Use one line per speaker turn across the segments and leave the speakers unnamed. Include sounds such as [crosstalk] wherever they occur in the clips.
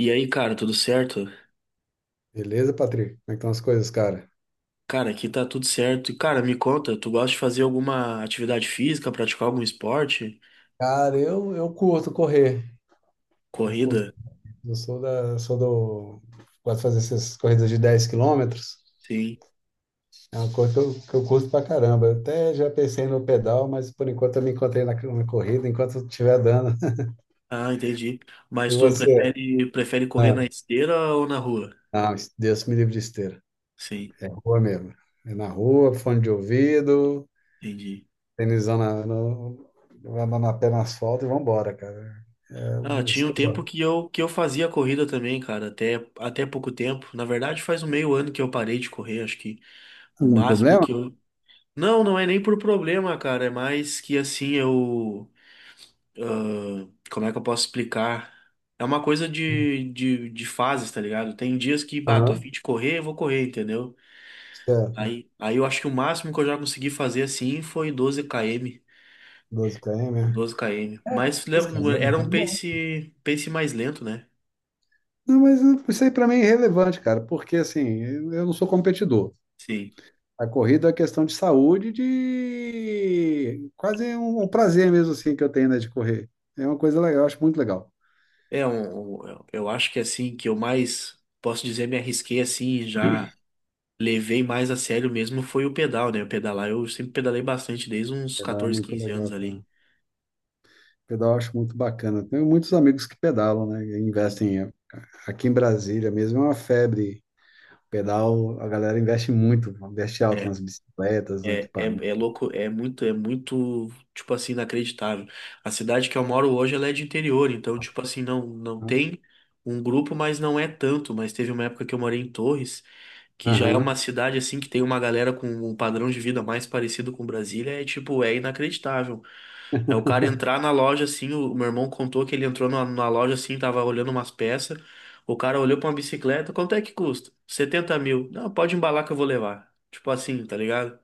E aí, cara, tudo certo?
Beleza, Patrick? Como é que estão as coisas, cara?
Cara, aqui tá tudo certo. E, cara, me conta, tu gosta de fazer alguma atividade física, praticar algum esporte?
Cara, eu curto correr. Eu curto.
Corrida?
Eu sou da, sou do. Gosto de fazer essas corridas de 10 quilômetros.
Sim.
É uma coisa que eu curto pra caramba. Eu até já pensei no pedal, mas por enquanto eu me encontrei na corrida, enquanto eu estiver dando. [laughs]
Ah, entendi.
E
Mas tu
você?
prefere, prefere correr na
Ah,
esteira ou na rua?
não, Deus me livre de esteira.
Sim,
É rua mesmo. É na rua, fone de ouvido,
entendi.
tênisão na, no, andando na pé no asfalto e vambora, cara. É o
Ah,
mesmo
tinha
que
um
eu
tempo
gosto.
que eu fazia corrida também, cara, até, até pouco tempo. Na verdade, faz um meio ano que eu parei de correr, acho que o
Algum
máximo
problema?
que eu. Não, não é nem por problema, cara, é mais que assim, eu. Como é que eu posso explicar? É uma coisa de, de fases, tá ligado? Tem dias que, bah, tô a fim
Aham.
de correr, eu vou correr, entendeu?
Certo,
Aí eu acho que o máximo que eu já consegui fazer assim foi 12 km.
12 km. É.
12 km. Mas
Mas, cara, é
leva- era
muito
um
bom.
pace, pace mais lento, né?
Não, mas isso aí para mim é irrelevante, cara, porque assim, eu não sou competidor.
Sim.
A corrida é questão de saúde, de quase um prazer mesmo assim que eu tenho, né, de correr. É uma coisa legal, eu acho muito legal.
É um, um- eu acho que assim, que eu mais, posso dizer, me arrisquei assim, já levei mais a sério mesmo foi o pedal, né? O pedalar, eu sempre pedalei bastante, desde uns
Pedal é
14,
muito
15
legal,
anos
cara.
ali.
Pedal eu acho muito bacana. Tenho muitos amigos que pedalam, né, e investem aqui em Brasília mesmo, é uma febre. Pedal, a galera investe muito, investe alto
É,
nas bicicletas, no
É, é,
equipamento.
é louco, é muito, tipo assim, inacreditável. A cidade que eu moro hoje, ela é de interior, então, tipo assim, não tem um grupo, mas não é tanto. Mas teve uma época que eu morei em Torres, que já é uma
Aham.
cidade, assim, que tem uma galera com um padrão de vida mais parecido com Brasília, é tipo, é inacreditável. É o cara entrar na loja, assim, o meu irmão contou que ele entrou na loja, assim, tava olhando umas peças, o cara olhou pra uma bicicleta, quanto é que custa? 70.000. Não, pode embalar que eu vou levar. Tipo assim, tá ligado?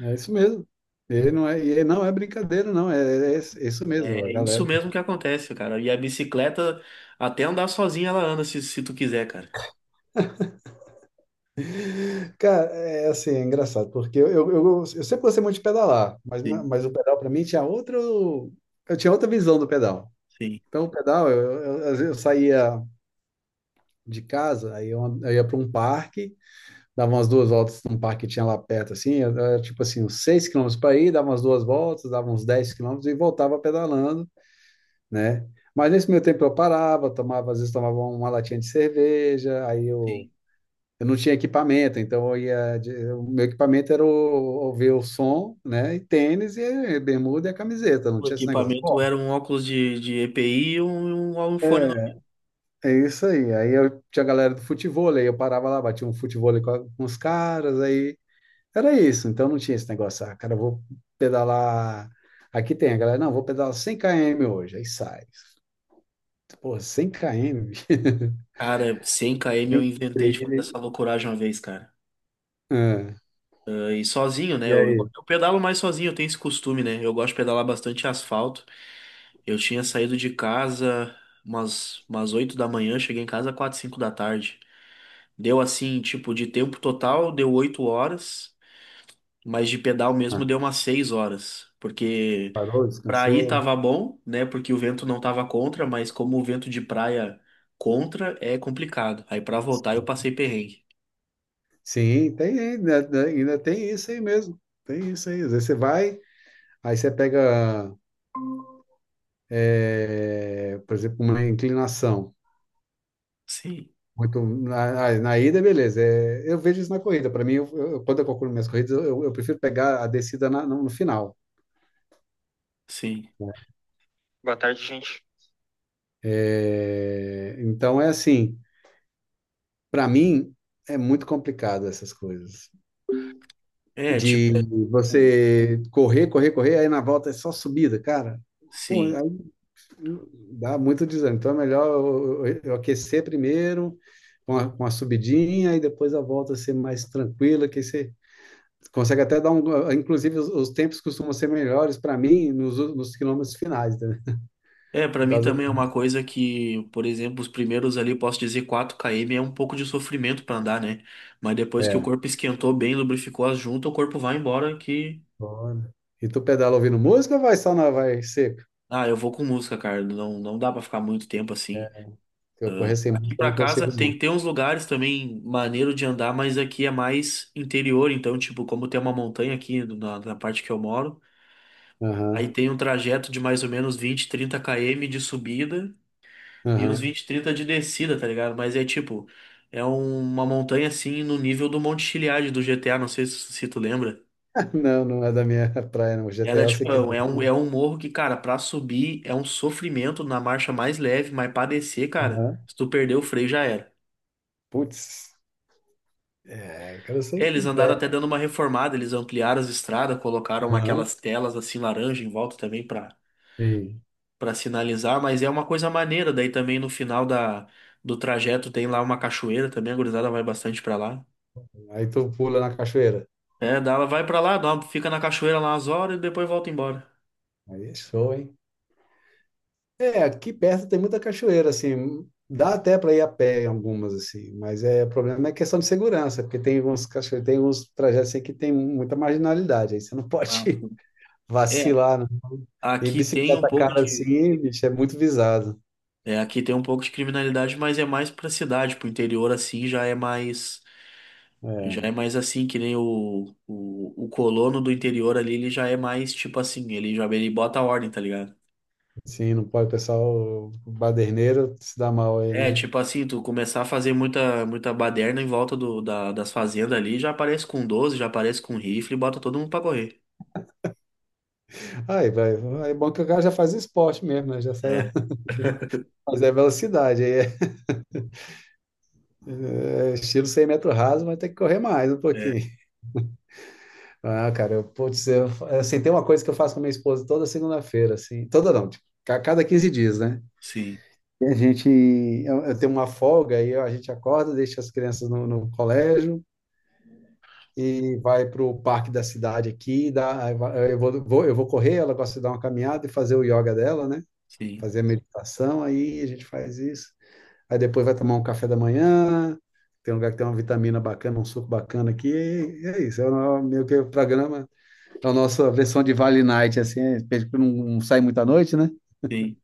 É isso mesmo. E não é brincadeira, não. É, é isso mesmo, a
É isso
galera.
mesmo que acontece, cara. E a bicicleta, até andar sozinha, ela anda se, se tu quiser, cara.
Cara, é assim, é engraçado, porque eu sempre gostei muito de pedalar, mas,
Sim,
mas o pedal para mim tinha outro. Eu tinha outra visão do pedal.
sim.
Então, o pedal, às vezes eu saía de casa, aí eu ia para um parque, dava umas duas voltas num parque que tinha lá perto, assim, era tipo assim, uns 6 quilômetros para ir, dava umas duas voltas, dava uns 10 quilômetros e voltava pedalando, né? Mas nesse meio tempo eu parava, tomava, às vezes tomava uma latinha de cerveja, aí
Sim.
eu não tinha equipamento, então eu ia, o meu equipamento era o, ouvir o som, né? E tênis e bermuda e a camiseta, não
O
tinha esse negócio. Bom,
equipamento era um óculos de EPI e um, um fone. No-
é isso aí. Aí eu tinha a galera do futebol, aí eu parava lá, batia um futebol com, com os caras, aí era isso. Então não tinha esse negócio, ah, cara, eu vou pedalar. Aqui tem a galera, não, vou pedalar 100 km hoje, aí sai. Pô, 100 km, bicho.
Cara, 100 km eu
[laughs]
inventei de fazer
Trilha.
essa loucuragem uma vez, cara. E sozinho, né?
E aí?
Eu pedalo mais sozinho, eu tenho esse costume, né? Eu gosto de pedalar bastante asfalto. Eu tinha saído de casa umas, umas 8 da manhã, cheguei em casa 4, 5 da tarde. Deu assim, tipo, de tempo total, deu 8 horas. Mas de pedal
Ah,
mesmo deu umas 6 horas, porque
parou,
pra ir
descansou?
tava bom, né? Porque o vento não tava contra, mas como o vento de praia contra é complicado. Aí pra voltar eu
Sim,
passei perrengue.
sim, tem ainda, ainda tem isso aí mesmo. Tem isso aí. Às vezes você vai, aí você pega, é, por exemplo, uma inclinação.
Sim,
Muito, na ida, beleza. É, eu vejo isso na corrida. Para mim, quando eu calculo minhas corridas, eu prefiro pegar a descida no no final.
sim.
Boa tarde, gente. É, então é assim, para mim é muito complicado essas coisas.
É, tipo, é-
De você correr, correr, correr, aí na volta é só subida, cara. Pô,
sim.
aí dá muito desânimo. Então é melhor eu aquecer primeiro, com a subidinha, e depois a volta ser mais tranquila, que aí você consegue até dar um. Inclusive, os tempos costumam ser melhores para mim nos quilômetros finais, né?
É, pra
Por
mim
causa disso.
também é uma coisa que, por exemplo, os primeiros ali, posso dizer quatro km, é um pouco de sofrimento pra andar, né? Mas depois que o
É,
corpo esquentou bem, lubrificou as juntas, o corpo vai embora que.
foda. E tu pedala ouvindo música ou vai só na vai seco?
Ah, eu vou com música, cara. Não, não dá pra ficar muito tempo
É.
assim.
Se eu correr sem
Aqui
música, eu
pra
não
casa
consigo, não.
tem, tem uns lugares também maneiro de andar, mas aqui é mais interior, então, tipo, como tem uma montanha aqui na, na parte que eu moro, aí
Aham,
tem um trajeto de mais ou menos 20, 30 km de subida e uns
aham.
20, 30 de descida, tá ligado? Mas é tipo, é um- uma montanha assim no nível do Monte Chiliade do GTA, não sei se, se tu lembra.
Não, não é da minha [laughs] praia, não. O
Era
GTA eu sei
tipo,
que é.
é um morro que, cara, pra subir é um sofrimento na marcha mais leve, mas pra descer, cara,
Aham.
se tu perder o freio já era.
Putz, é, cara, eu sei
É,
que
eles andaram até
é.
dando uma reformada, eles ampliaram as estradas, colocaram
Aham,
aquelas telas assim laranja em volta também para
sim.
para sinalizar, mas é uma coisa maneira. Daí também no final da, do trajeto tem lá uma cachoeira também, a gurizada vai bastante para lá.
Aí tu pula na cachoeira.
É, dá, ela vai para lá, dá uma- fica na cachoeira lá umas horas e depois volta embora.
Aí é show, hein? É, aqui perto tem muita cachoeira, assim. Dá até para ir a pé em algumas, assim. Mas é, o problema é questão de segurança, porque tem uns cachoeiros, tem uns trajetos assim, que tem muita marginalidade. Aí você não pode
Ah, sim.
[laughs]
é,
vacilar, não. E
aqui tem um
bicicleta
pouco
cara
de
assim, bicho, é muito visado.
aqui tem um pouco de criminalidade, mas é mais para cidade, pro interior assim já é mais. Já é
É.
mais assim, que nem o colono do interior ali, ele já é mais tipo assim, ele já ele bota a ordem, tá ligado?
Sim, não pode, o pessoal baderneiro se dá mal aí,
É,
né?
tipo assim, tu começar a fazer muita, muita baderna em volta do, da- das fazendas ali, já aparece com 12 já aparece com rifle e bota todo mundo pra correr.
Aí, vai, aí é bom que o cara já faz esporte mesmo, né? Já sai,
É,
[laughs] mas é velocidade, aí é, é estilo 100 metros raso, vai ter que correr mais um
é,
pouquinho. Ah, cara, assim, tem uma coisa que eu faço com a minha esposa toda segunda-feira, assim, toda não, tipo, a cada 15 dias, né?
sim,
E a gente, eu tenho uma folga, aí a gente acorda, deixa as crianças no colégio, e vai para o parque da cidade aqui, dá, aí vai- eu vou, vou- eu vou correr, ela gosta de dar uma caminhada e fazer o yoga dela, né?
sim,
Fazer a meditação, aí a gente faz isso. Aí depois vai tomar um café da manhã, tem um lugar que tem uma vitamina bacana, um suco bacana aqui, e é isso, é o meio que o programa, é a nossa versão de Vale Night, assim, é, porque não sai muita noite, né?
sim,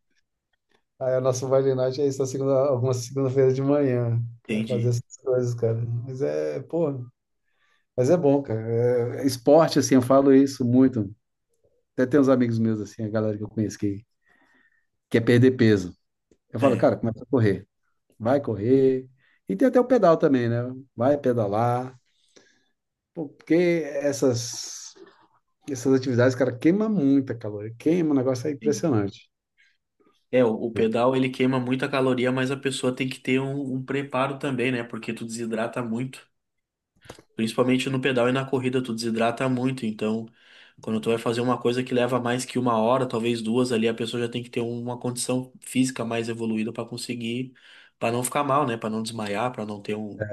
Aí a nossa Vale Night é isso, na segunda, alguma segunda-feira de manhã, que vai fazer
entendi.
essas coisas, cara. Mas é, pô, mas é bom, cara. É- esporte, assim, eu falo isso muito. Até tem uns amigos meus, assim, a galera que eu conheço que quer perder peso. Eu falo,
É,
cara, começa a correr. Vai correr. E tem até o pedal também, né? Vai pedalar. Pô, porque essas atividades, cara, queima muita caloria. Queima, o negócio é
sim.
impressionante.
É, o pedal ele queima muita caloria, mas a pessoa tem que ter um, um preparo também, né? Porque tu desidrata muito. Principalmente no pedal e na corrida, tu desidrata muito. Então, quando tu vai fazer uma coisa que leva mais que uma hora, talvez duas ali, a pessoa já tem que ter uma condição física mais evoluída para conseguir, para não ficar mal, né? Para não desmaiar, para não ter um.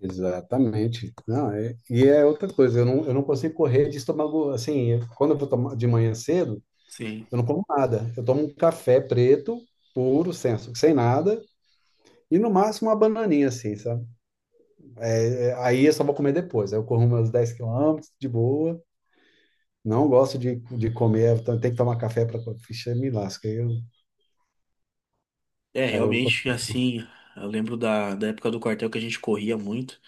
Exatamente. Não, é- e é outra coisa, eu não consigo correr de estômago, assim, quando eu vou tomar de manhã cedo,
Sim.
eu não como nada. Eu tomo um café preto, puro, sem nada, e no máximo uma bananinha, assim, sabe? Aí eu só vou comer depois. Aí eu corro meus 10 quilômetros de boa. Não gosto de comer, então tem que tomar café para. Ficha, me lasca. Aí eu,
É,
cara, eu não
realmente, assim, eu lembro da, da época do quartel que a gente corria muito.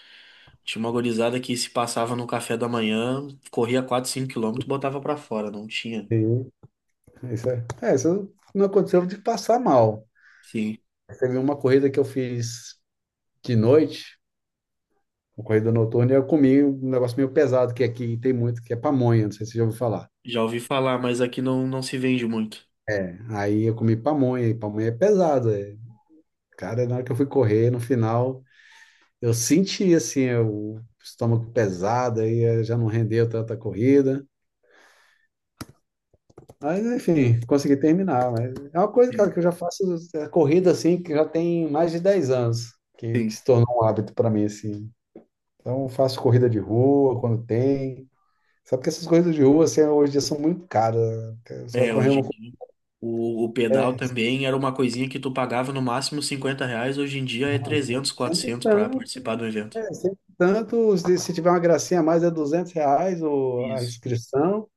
Tinha uma gurizada que se passava no café da manhã, corria 4, 5 quilômetros, botava pra fora, não tinha.
consigo. Isso não aconteceu de passar mal.
Sim.
Teve uma corrida que eu fiz de noite, uma corrida noturna, e eu comi um negócio meio pesado, que aqui tem muito, que é pamonha, não sei se você já ouviu falar.
Já ouvi falar, mas aqui não, não se vende muito.
É, aí eu comi pamonha, e pamonha é pesada, é. Cara, na hora que eu fui correr, no final, eu senti assim o estômago pesado, aí já não rendeu tanta corrida. Mas enfim, consegui terminar. Mas é uma coisa, cara,
Sim.
que eu já faço corrida assim, que já tem mais de 10 anos, que
Sim.
se tornou um hábito para mim assim. Então eu faço corrida de rua quando tem. Só porque essas corridas de rua assim, hoje em dia são muito caras, né? Você vai
É,
correr
hoje
uma
em dia. O pedal também era uma coisinha que tu pagava no máximo 50 reais, hoje em dia é
mano, então, é,
300
sempre
400 para participar do evento.
tanto, se se tiver uma gracinha a mais é R$ 200 o, a
Isso.
inscrição,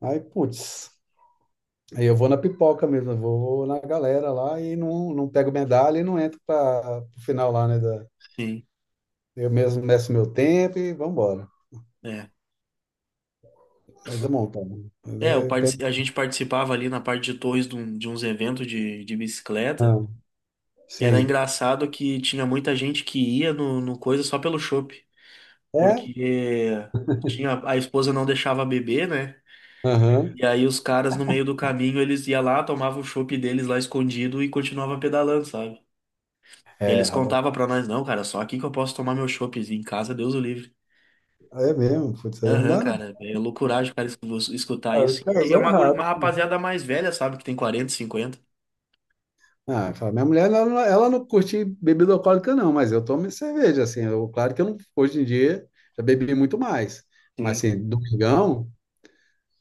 aí putz, aí eu vou na pipoca mesmo, eu vou na galera lá e não, não pego medalha e não entro para o final lá, né?
Sim,
Eu mesmo meço meu tempo e vamos embora.
é.
Mas é montão. Mas
É, eu
é tem
partici- a gente participava ali na parte de Torres de, um- de uns eventos de bicicleta.
não.
Era
Sim.
engraçado que tinha muita gente que ia no, no coisa só pelo chopp,
É?
porque tinha, a esposa não deixava beber, né?
Aham.
E aí os caras no meio do caminho, eles iam lá, tomavam o chopp deles lá escondido e continuavam pedalando, sabe? E
É,
eles
rapaz.
contavam pra nós, não, cara, só aqui que eu posso tomar meu chopp em casa, Deus o livre.
É mesmo. Putz, aí não
Aham,
dá, não.
cara, é loucuragem, cara, es- vos- escutar
Cara,
isso. E é
casou
uma, guri- uma
errado.
rapaziada mais velha, sabe, que tem 40, 50.
Ah, fala, minha mulher, ela, ela não curte bebida alcoólica, não, mas eu tomo cerveja, assim. Eu, claro que eu não, hoje em dia já bebi muito mais. Mas,
Sim,
assim, domingão,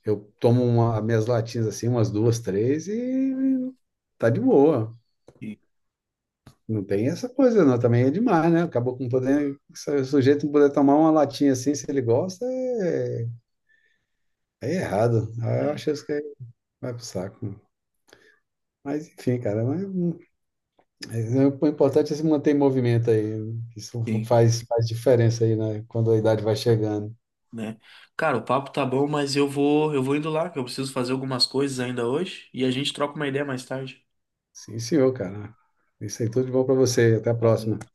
eu tomo uma, minhas latinhas, assim, umas duas, três e tá de boa.
sim,
Não tem essa coisa, não. Também é demais, né? Acabou com poder. Se o sujeito não puder tomar uma latinha assim, se ele gosta, é, é errado. Aí eu acho isso que aí vai pro saco. Mas enfim, cara, mas é- o importante é se manter em movimento aí.
sim.
Faz diferença aí, né? Quando a idade vai chegando.
Né? Cara, o papo tá bom, mas eu vou indo lá, que eu preciso fazer algumas coisas ainda hoje, e a gente troca uma ideia mais tarde.
Sim, senhor, cara. Isso aí, tudo de bom pra você. Até a próxima.
Valeu.